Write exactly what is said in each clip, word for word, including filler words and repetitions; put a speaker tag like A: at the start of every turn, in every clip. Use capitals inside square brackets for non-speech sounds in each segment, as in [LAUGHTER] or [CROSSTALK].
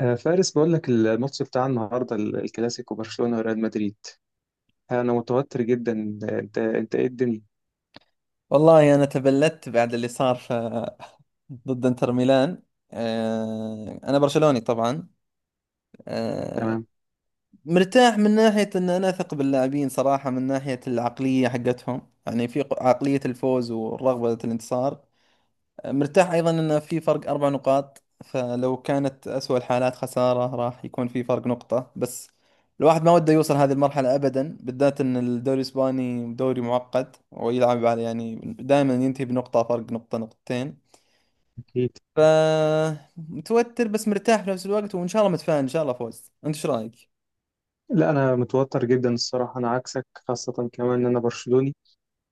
A: آه، فارس بقول لك الماتش بتاع النهارده ال- الكلاسيكو برشلونة وريال مدريد. انا متوتر جدا. انت انت ايه الدنيا؟
B: والله أنا تبلدت بعد اللي صار ف... [LAUGHS] ضد إنتر ميلان. آه، أنا برشلوني طبعا. آه،
A: تمام.
B: مرتاح من ناحية أن أنا أثق باللاعبين صراحة، من ناحية العقلية حقتهم، يعني في ق- عقلية الفوز والرغبة الانتصار. مرتاح أيضا أن في فرق أربع نقاط، فلو كانت أسوأ الحالات خسارة راح يكون في فرق نقطة بس. الواحد ما وده يوصل هذه المرحلة أبدا، بالذات أن الدوري الإسباني دوري معقد ويلعب على، يعني دائما ينتهي بنقطة، فرق نقطة نقطتين.
A: أكيد.
B: فمتوتر بس مرتاح في نفس الوقت، وإن شاء الله متفائل، إن شاء الله فوز. أنت إيش رأيك؟
A: لا، انا متوتر جدا الصراحة، انا عكسك، خاصة كمان ان انا برشلوني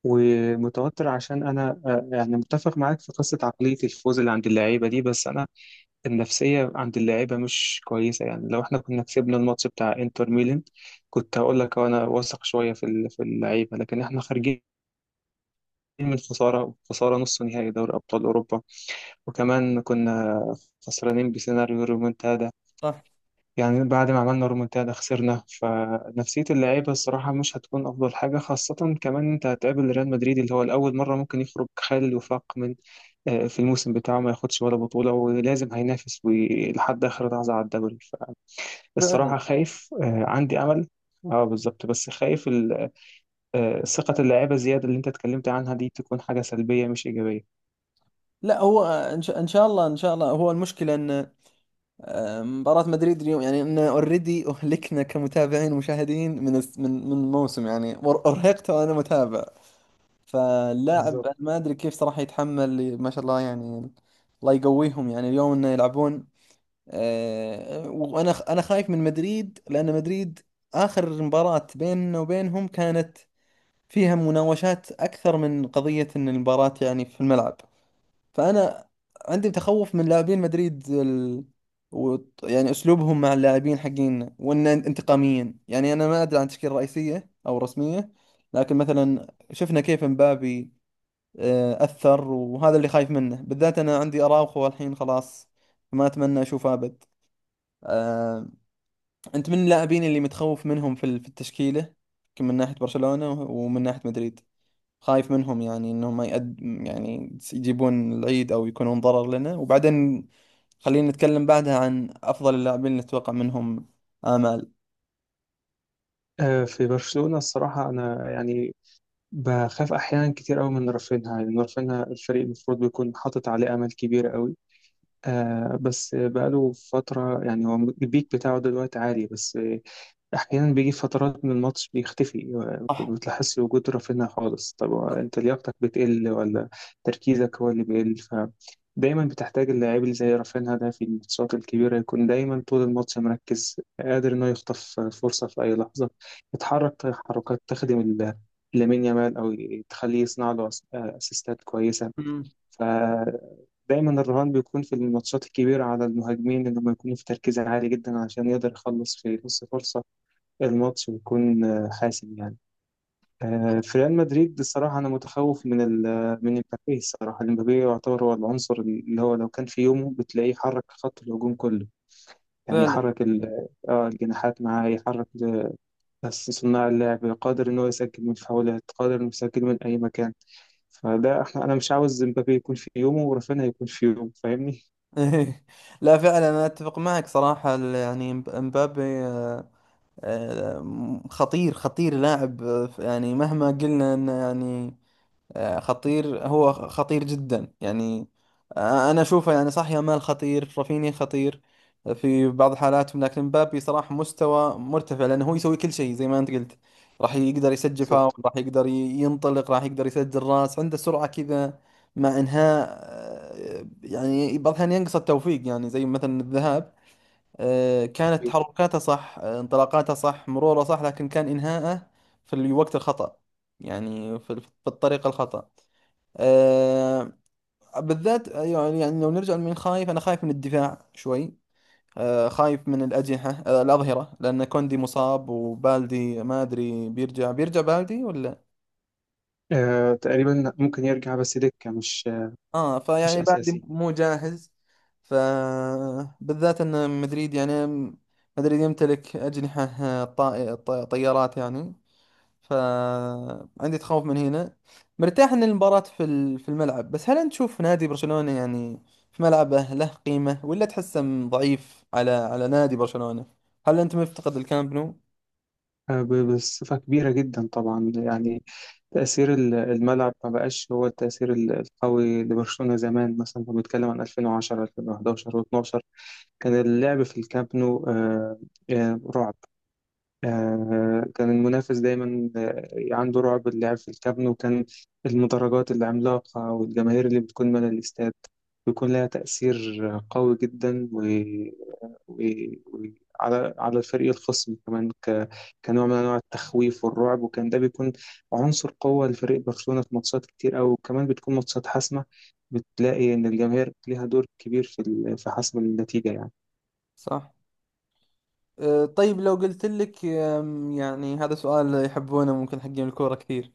A: ومتوتر عشان انا، آه، يعني، متفق معاك في قصة عقلية الفوز اللي عند اللعيبة دي، بس انا النفسية عند اللعيبة مش كويسة. يعني لو احنا كنا كسبنا الماتش بتاع انتر ميلان كنت هقول لك انا واثق شوية في ال- في اللعيبة، لكن احنا خارجين من خسارة خسارة نص نهائي دوري أبطال أوروبا، وكمان كنا خسرانين بسيناريو رومونتادا.
B: صح.
A: يعني بعد ما عملنا رومونتادا خسرنا، فنفسية اللعيبة الصراحة مش هتكون أفضل حاجة، خاصة كمان أنت هتقابل ريال مدريد اللي هو الأول مرة ممكن يخرج خالي الوفاق من آه، في الموسم بتاعه ما ياخدش ولا بطولة، ولازم هينافس وي- لحد آخر لحظة على الدوري.
B: فعلا.
A: فالصراحة خايف، آه، عندي أمل. اه، بالظبط. بس خايف ال- آه، ثقة اللعيبة زيادة اللي أنت اتكلمت عنها دي تكون حاجة سلبية مش إيجابية.
B: لا هو إن شاء إن شاء الله إن شاء الله هو المشكلة أن مباراة مدريد اليوم، يعني ان اوريدي اهلكنا كمتابعين ومشاهدين من الس- من من الموسم يعني، وار- ارهقت وانا متابع. فاللاعب
A: بالظبط.
B: أنا ما ادري كيف صراحة يتحمل، ما شاء الله يعني. الله يقويهم يعني اليوم انه يلعبون. آه، وانا خ- انا خايف من مدريد، لان مدريد اخر مباراة بيننا وبينهم كانت فيها مناوشات اكثر من قضية ان المباراة يعني في الملعب. فانا عندي تخوف من لاعبين مدريد ال... و... يعني اسلوبهم مع اللاعبين حقين، وان انتقاميين. يعني انا ما ادري عن تشكيله رئيسيه او رسميه، لكن مثلا شفنا كيف مبابي آه، اثر، وهذا اللي خايف منه. بالذات انا عندي اراوخو الحين خلاص، ما اتمنى اشوفه ابد. آه، انت من اللاعبين اللي متخوف منهم في ال- في التشكيله، من ناحيه برشلونه ومن ناحيه مدريد؟ خايف منهم، يعني انهم ما يقد، يعني يجيبون العيد او يكونون ضرر لنا. وبعدين خلينا نتكلم بعدها عن افضل اللاعبين اللي نتوقع منهم امال.
A: آه، في برشلونة الصراحة، أنا يعني بخاف أحيانا كتير قوي من رافينها، لأن رافينها الفريق المفروض بيكون حاطط عليه أمل كبير قوي. آه بس بقاله فترة يعني، هو البيك بتاعه دلوقتي عالي، بس أحيانا بيجي فترات من الماتش بيختفي، ما بتلاحظش وجود رافينيا خالص. طب هو أنت لياقتك بتقل ولا تركيزك هو اللي بيقل؟ فدايما بتحتاج اللاعب اللي زي رافينيا ده في الماتشات الكبيرة يكون دايما طول الماتش مركز، قادر إنه يخطف فرصة في أي لحظة، يتحرك حركات تخدم ال- لامين يامال، أو تخليه يصنع له أس- أسيستات كويسة.
B: مم.
A: فدايما الرهان بيكون في الماتشات الكبيرة على المهاجمين إنهم يكونوا في تركيز عالي جدا، عشان يقدر يخلص في نص فرصة. الماتش بيكون آه، حاسم يعني. آه، في ريال مدريد الصراحة، أنا متخوف من ال من امبابي. الصراحة امبابي يعتبر هو العنصر اللي هو لو كان في يومه بتلاقيه يحرك خط الهجوم كله، يعني
B: فعلا.
A: يحرك ال- آه، الجناحات معاه، يحرك بس صناع اللعب، قادر إن هو يسجل من فاولات، قادر إنه يسجل من أي مكان. فده احنا أنا مش عاوز امبابي يكون في يومه ورافينيا يكون في يومه، فاهمني؟
B: [LAUGHS] لا فعلا انا اتفق معك صراحة، ال- يعني مب- مبابي، آه، آه، خطير، خطير لاعب آه، يعني مهما قلنا انه يعني آه، خطير، هو خطير جدا يعني. آه، أنا أشوفه يعني، صح يامال خطير، رافينيا خطير في بعض حالاتهم، لكن مبابي صراحة مستوى مرتفع، لأنه هو يسوي كل شيء زي ما أنت قلت. راح يقدر يسجل فاول،
A: بالظبط.
B: راح يقدر ي- ينطلق، راح يقدر يسجل راس، عنده سرعة كذا مع إنهاء. آه، يعني بعض الأحيان ينقص التوفيق، يعني زي مثلا الذهاب، آه، كانت تحركاته صح، آه، انطلاقاته صح، مروره صح، لكن كان إنهاءه في الوقت الخطأ، يعني في في الطريقة الخطأ. آه، بالذات، آه، يعني يعني لو نرجع لمين خايف، أنا خايف من الدفاع شوي. آه، خايف من الأجنحة، آه الأظهرة، لأن كوندي مصاب، وبالدي ما أدري بيرجع بيرجع بالدي ولا؟
A: آه، تقريبا ممكن يرجع بس دكة، مش آه،
B: آه،
A: مش
B: فيعني بالدي
A: أساسي.
B: مو جاهز. فبالذات أن مدريد يعني، مدريد يمتلك أجنحة آه، طائ- طي- طيارات يعني. فعندي تخوف من هنا. مرتاح ان المباراة في ال- في الملعب، بس هل انت تشوف نادي برشلونة يعني في ملعبه له قيمة، ولا تحسه م- ضعيف على على نادي برشلونة؟ هل انت مفتقد الكامب نو؟
A: آه، ب- بصفة كبيرة جدا طبعا. يعني تأثير ال- الملعب ما بقاش هو التأثير ال- القوي لبرشلونة زمان. مثلا لو بنتكلم عن ألفين وعشرة، ألفين وحداشر و12، كان اللعب في الكامب نو آه، آه، رعب. آه، كان المنافس دايما آه، عنده رعب اللعب في الكامب نو، كان المدرجات العملاقة والجماهير اللي بتكون من الاستاد بيكون لها تأثير قوي جدا. وعلى على الفريق الخصم كمان، ك... كنوع من انواع التخويف والرعب، وكان ده بيكون عنصر قوة لفريق برشلونة في ماتشات كتير أوي، وكمان بتكون ماتشات حاسمة، بتلاقي إن الجماهير ليها دور كبير في ال... في حسم النتيجة يعني.
B: صح. أه، طيب لو قلت لك، أم، يعني هذا سؤال يحبونه ممكن حقين الكورة كثير،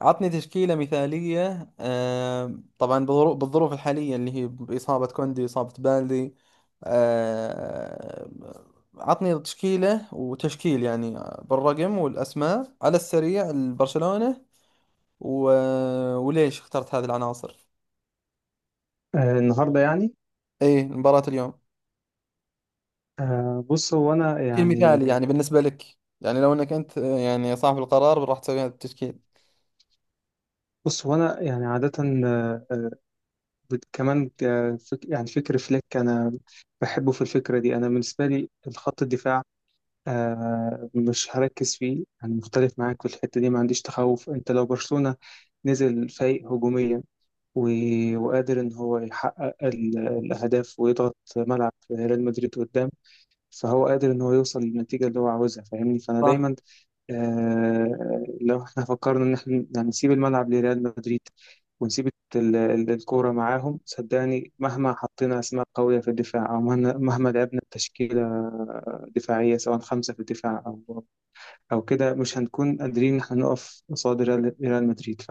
B: عطني تشكيلة مثالية. أم، طبعا بظروف، بالظروف الحالية اللي هي بإصابة كوندي، إصابة بالدي. أم، عطني تشكيلة وتشكيل يعني بالرقم والأسماء على السريع لبرشلونة، و... وليش اخترت هذه العناصر؟
A: آه النهاردة يعني،
B: اي مباراة اليوم،
A: آه بص هو أنا
B: تشكيل
A: يعني
B: مثالي يعني بالنسبة لك، يعني لو انك انت، أه، يعني صاحب القرار راح تسوي هذا التشكيل.
A: بص هو أنا يعني عادة، آه، بت- كمان، آه، فك... يعني فكر فليك. أنا بحبه في الفكرة دي. أنا بالنسبة لي الخط الدفاع آه مش هركز فيه، انا مختلف معاك في الحته دي، ما عنديش تخوف. انت لو برشلونه نزل فايق هجوميا و... وقادر ان هو يحقق ال... الاهداف ويضغط ملعب ريال مدريد قدام، فهو قادر ان هو يوصل للنتيجه اللي هو عاوزها، فاهمني؟ فانا دايما آه لو احنا فكرنا ان احنا يعني نسيب الملعب لريال مدريد، ونسيب ال- ال- الكوره معاهم، صدقني مهما حطينا اسماء قويه في الدفاع، او مهما مهما لعبنا تشكيله دفاعيه، سواء خمسة في الدفاع او او كده، مش هنكون قادرين ان احنا نقف قصاد ريال ريال مدريد.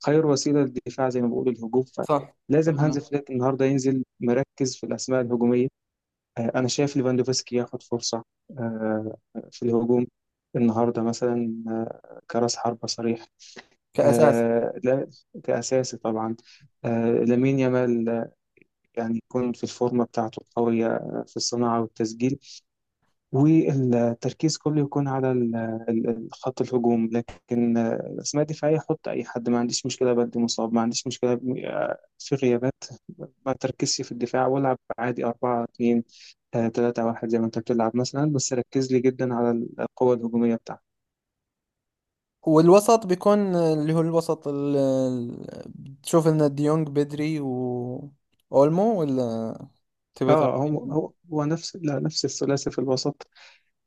A: فخير وسيله الدفاع، زي ما بقول، الهجوم.
B: صح.
A: فلازم هانز
B: فعلا.
A: فليك النهارده ينزل مركز في الاسماء الهجوميه. آه، أنا شايف ليفاندوفسكي ياخد فرصة، آه، في الهجوم النهاردة مثلا، آه، كرأس حربة صريح.
B: كأساسي.
A: آه، لا، كأساسي طبعا. آه، لامين يامال آه، يعني يكون في الفورمة بتاعته القوية، آه، في الصناعة والتسجيل، والتركيز كله يكون على ال- ال- ال- خط الهجوم. لكن آه، الأسماء الدفاعية حط أي حد، ما عنديش مشكلة. بدي مصاب ما عنديش مشكلة، ب- آه، في غيابات ما تركزش في الدفاع، والعب عادي أربعة اتنين ثلاثة واحد زي ما أنت بتلعب مثلا، بس ركز لي جدا على القوة الهجومية بتاعتك.
B: والوسط بيكون، اللي هو الوسط ال... ال- بتشوف ان ديونج بدري و اولمو، ولا تبي
A: اه، هو
B: تغير؟
A: هو هو نفس، لا، نفس الثلاثي في الوسط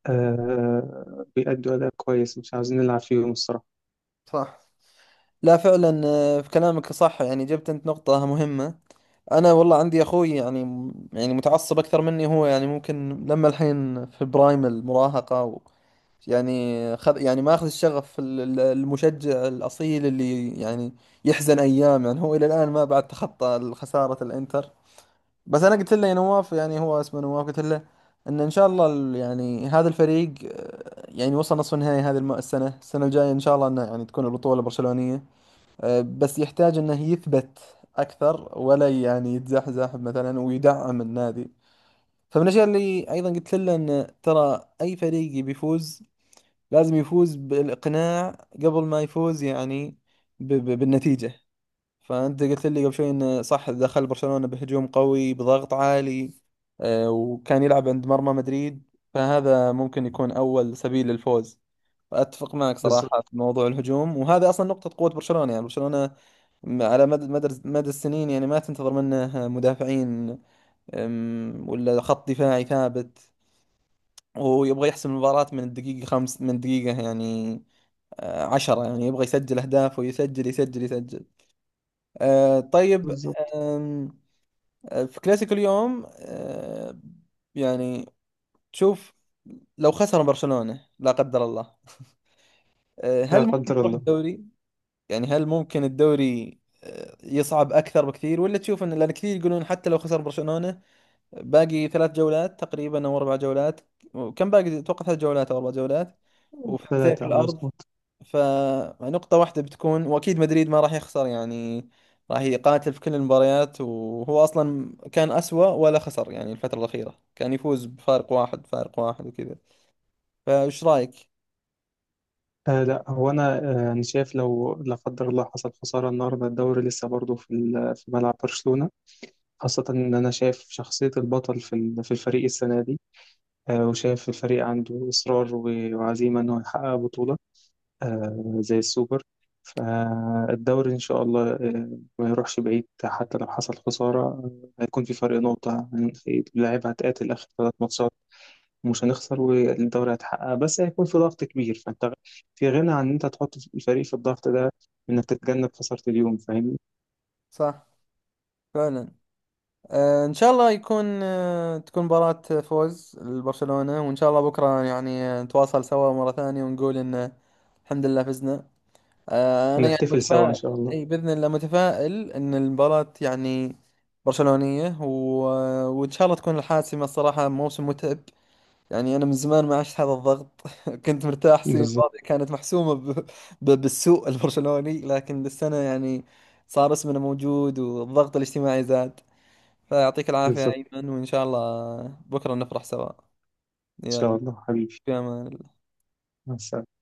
A: آه بيأدوا أداء كويس، مش عاوزين نلعب فيهم الصراحة.
B: صح. لا فعلا آه، في كلامك صح، يعني جبت انت نقطة مهمة. انا والله عندي اخوي يعني، يعني متعصب اكثر مني، هو يعني ممكن لما الحين في برايم المراهقة و يعني خذ، يعني ما اخذ الشغف، ال- ال- المشجع الاصيل اللي يعني يحزن ايام، يعني هو الى الان ما بعد تخطى خسارة الانتر. بس انا قلت له، يا نواف، يعني هو اسمه نواف، قلت له ان ان شاء الله ال- يعني هذا الفريق آه، يعني وصل نصف النهائي هذه الم- السنه، السنه الجايه ان شاء الله انه يعني تكون البطوله برشلونيه. آه، بس يحتاج انه يثبت اكثر، ولا يعني يتزحزح مثلا، ويدعم النادي. فمن الاشياء اللي ايضا قلت له، ان ترى اي فريق بيفوز لازم يفوز بالاقناع قبل ما يفوز يعني ب- ب- بالنتيجه. فأنت قلت لي قبل شوي إنه صح دخل برشلونة بهجوم قوي بضغط عالي، آه، وكان يلعب عند مرمى مدريد، فهذا ممكن يكون أول سبيل للفوز. فأتفق معك صراحة
A: بالظبط.
B: في موضوع الهجوم، وهذا أصلا نقطة قوة برشلونة. يعني برشلونة م- على مدى مدى مدى السنين يعني ما تنتظر منه آه، مدافعين، أم، ولا خط دفاعي ثابت، ويبغى يحسم المباراة من الدقيقة خمس من دقيقة يعني، آه، عشرة، يعني يبغى يسجل أهداف، ويسجل يسجل يسجل. آه، طيب،
A: بالظبط.
B: في كلاسيكو اليوم، آه، يعني تشوف لو خسر برشلونة لا قدر الله، آه،
A: لا
B: هل ممكن
A: قدر
B: يروح
A: الله.
B: الدوري؟ يعني هل ممكن الدوري آه، يصعب أكثر بكثير، ولا تشوف أن، لأن كثير يقولون حتى لو خسر برشلونة، باقي ثلاث جولات تقريبا أو أربع جولات. كم باقي؟ أتوقع ثلاث جولات أو أربع جولات، وفرقتين في
A: ثلاثة
B: الأرض.
A: مظبوط.
B: فنقطة واحدة بتكون، وأكيد مدريد ما راح يخسر يعني، راح يقاتل في كل المباريات، وهو أصلا كان أسوأ، ولا خسر يعني الفترة الأخيرة، كان يفوز بفارق واحد، فارق واحد وكذا. فإيش رأيك؟
A: آه لا، هو انا آه انا شايف لو لا قدر الله حصل خساره النهارده، الدوري لسه برضه في ال- في ملعب برشلونه، خاصه ان انا شايف شخصيه البطل في ال- في الفريق السنه دي، آه وشايف الفريق عنده اصرار و- وعزيمه انه يحقق بطوله آه زي السوبر. فالدوري ان شاء الله آه ما يروحش بعيد. حتى لو حصل خساره آه هيكون في فرق نقطه يعني، اللاعب هتقاتل اخر ثلاث ماتشات، مش هنخسر، والدوري هيتحقق. بس هيكون في ضغط كبير، فانت غ- في غنى عن ان انت تحط الفريق في الضغط ده، انك تتجنب خسارة اليوم، فاهمني؟
B: صح. فعلا. آه، إن شاء الله يكون، آه تكون مباراة فوز لبرشلونة، وإن شاء الله بكرة يعني آه، نتواصل سوا مرة ثانية ونقول إن الحمد لله فزنا. آه، انا يعني
A: ونحتفل سوا ان
B: متفائل.
A: شاء الله.
B: اي باذن الله متفائل ان المباراه يعني برشلونيه، و... وان شاء الله تكون الحاسمه. الصراحه موسم متعب، يعني انا من زمان ما عشت هذا الضغط. [LAUGHS] كنت مرتاح السنه
A: بالظبط.
B: الماضيه، كانت محسومه ب... ب... بالسوء البرشلوني، لكن السنه يعني صار اسمنا موجود، والضغط الاجتماعي زاد. فيعطيك العافيه يا
A: بالظبط.
B: ايمن، وان شاء الله بكره نفرح سوا.
A: ان شاء
B: يلا.
A: الله حبيبي.
B: في امان الله.
A: مع السلامة.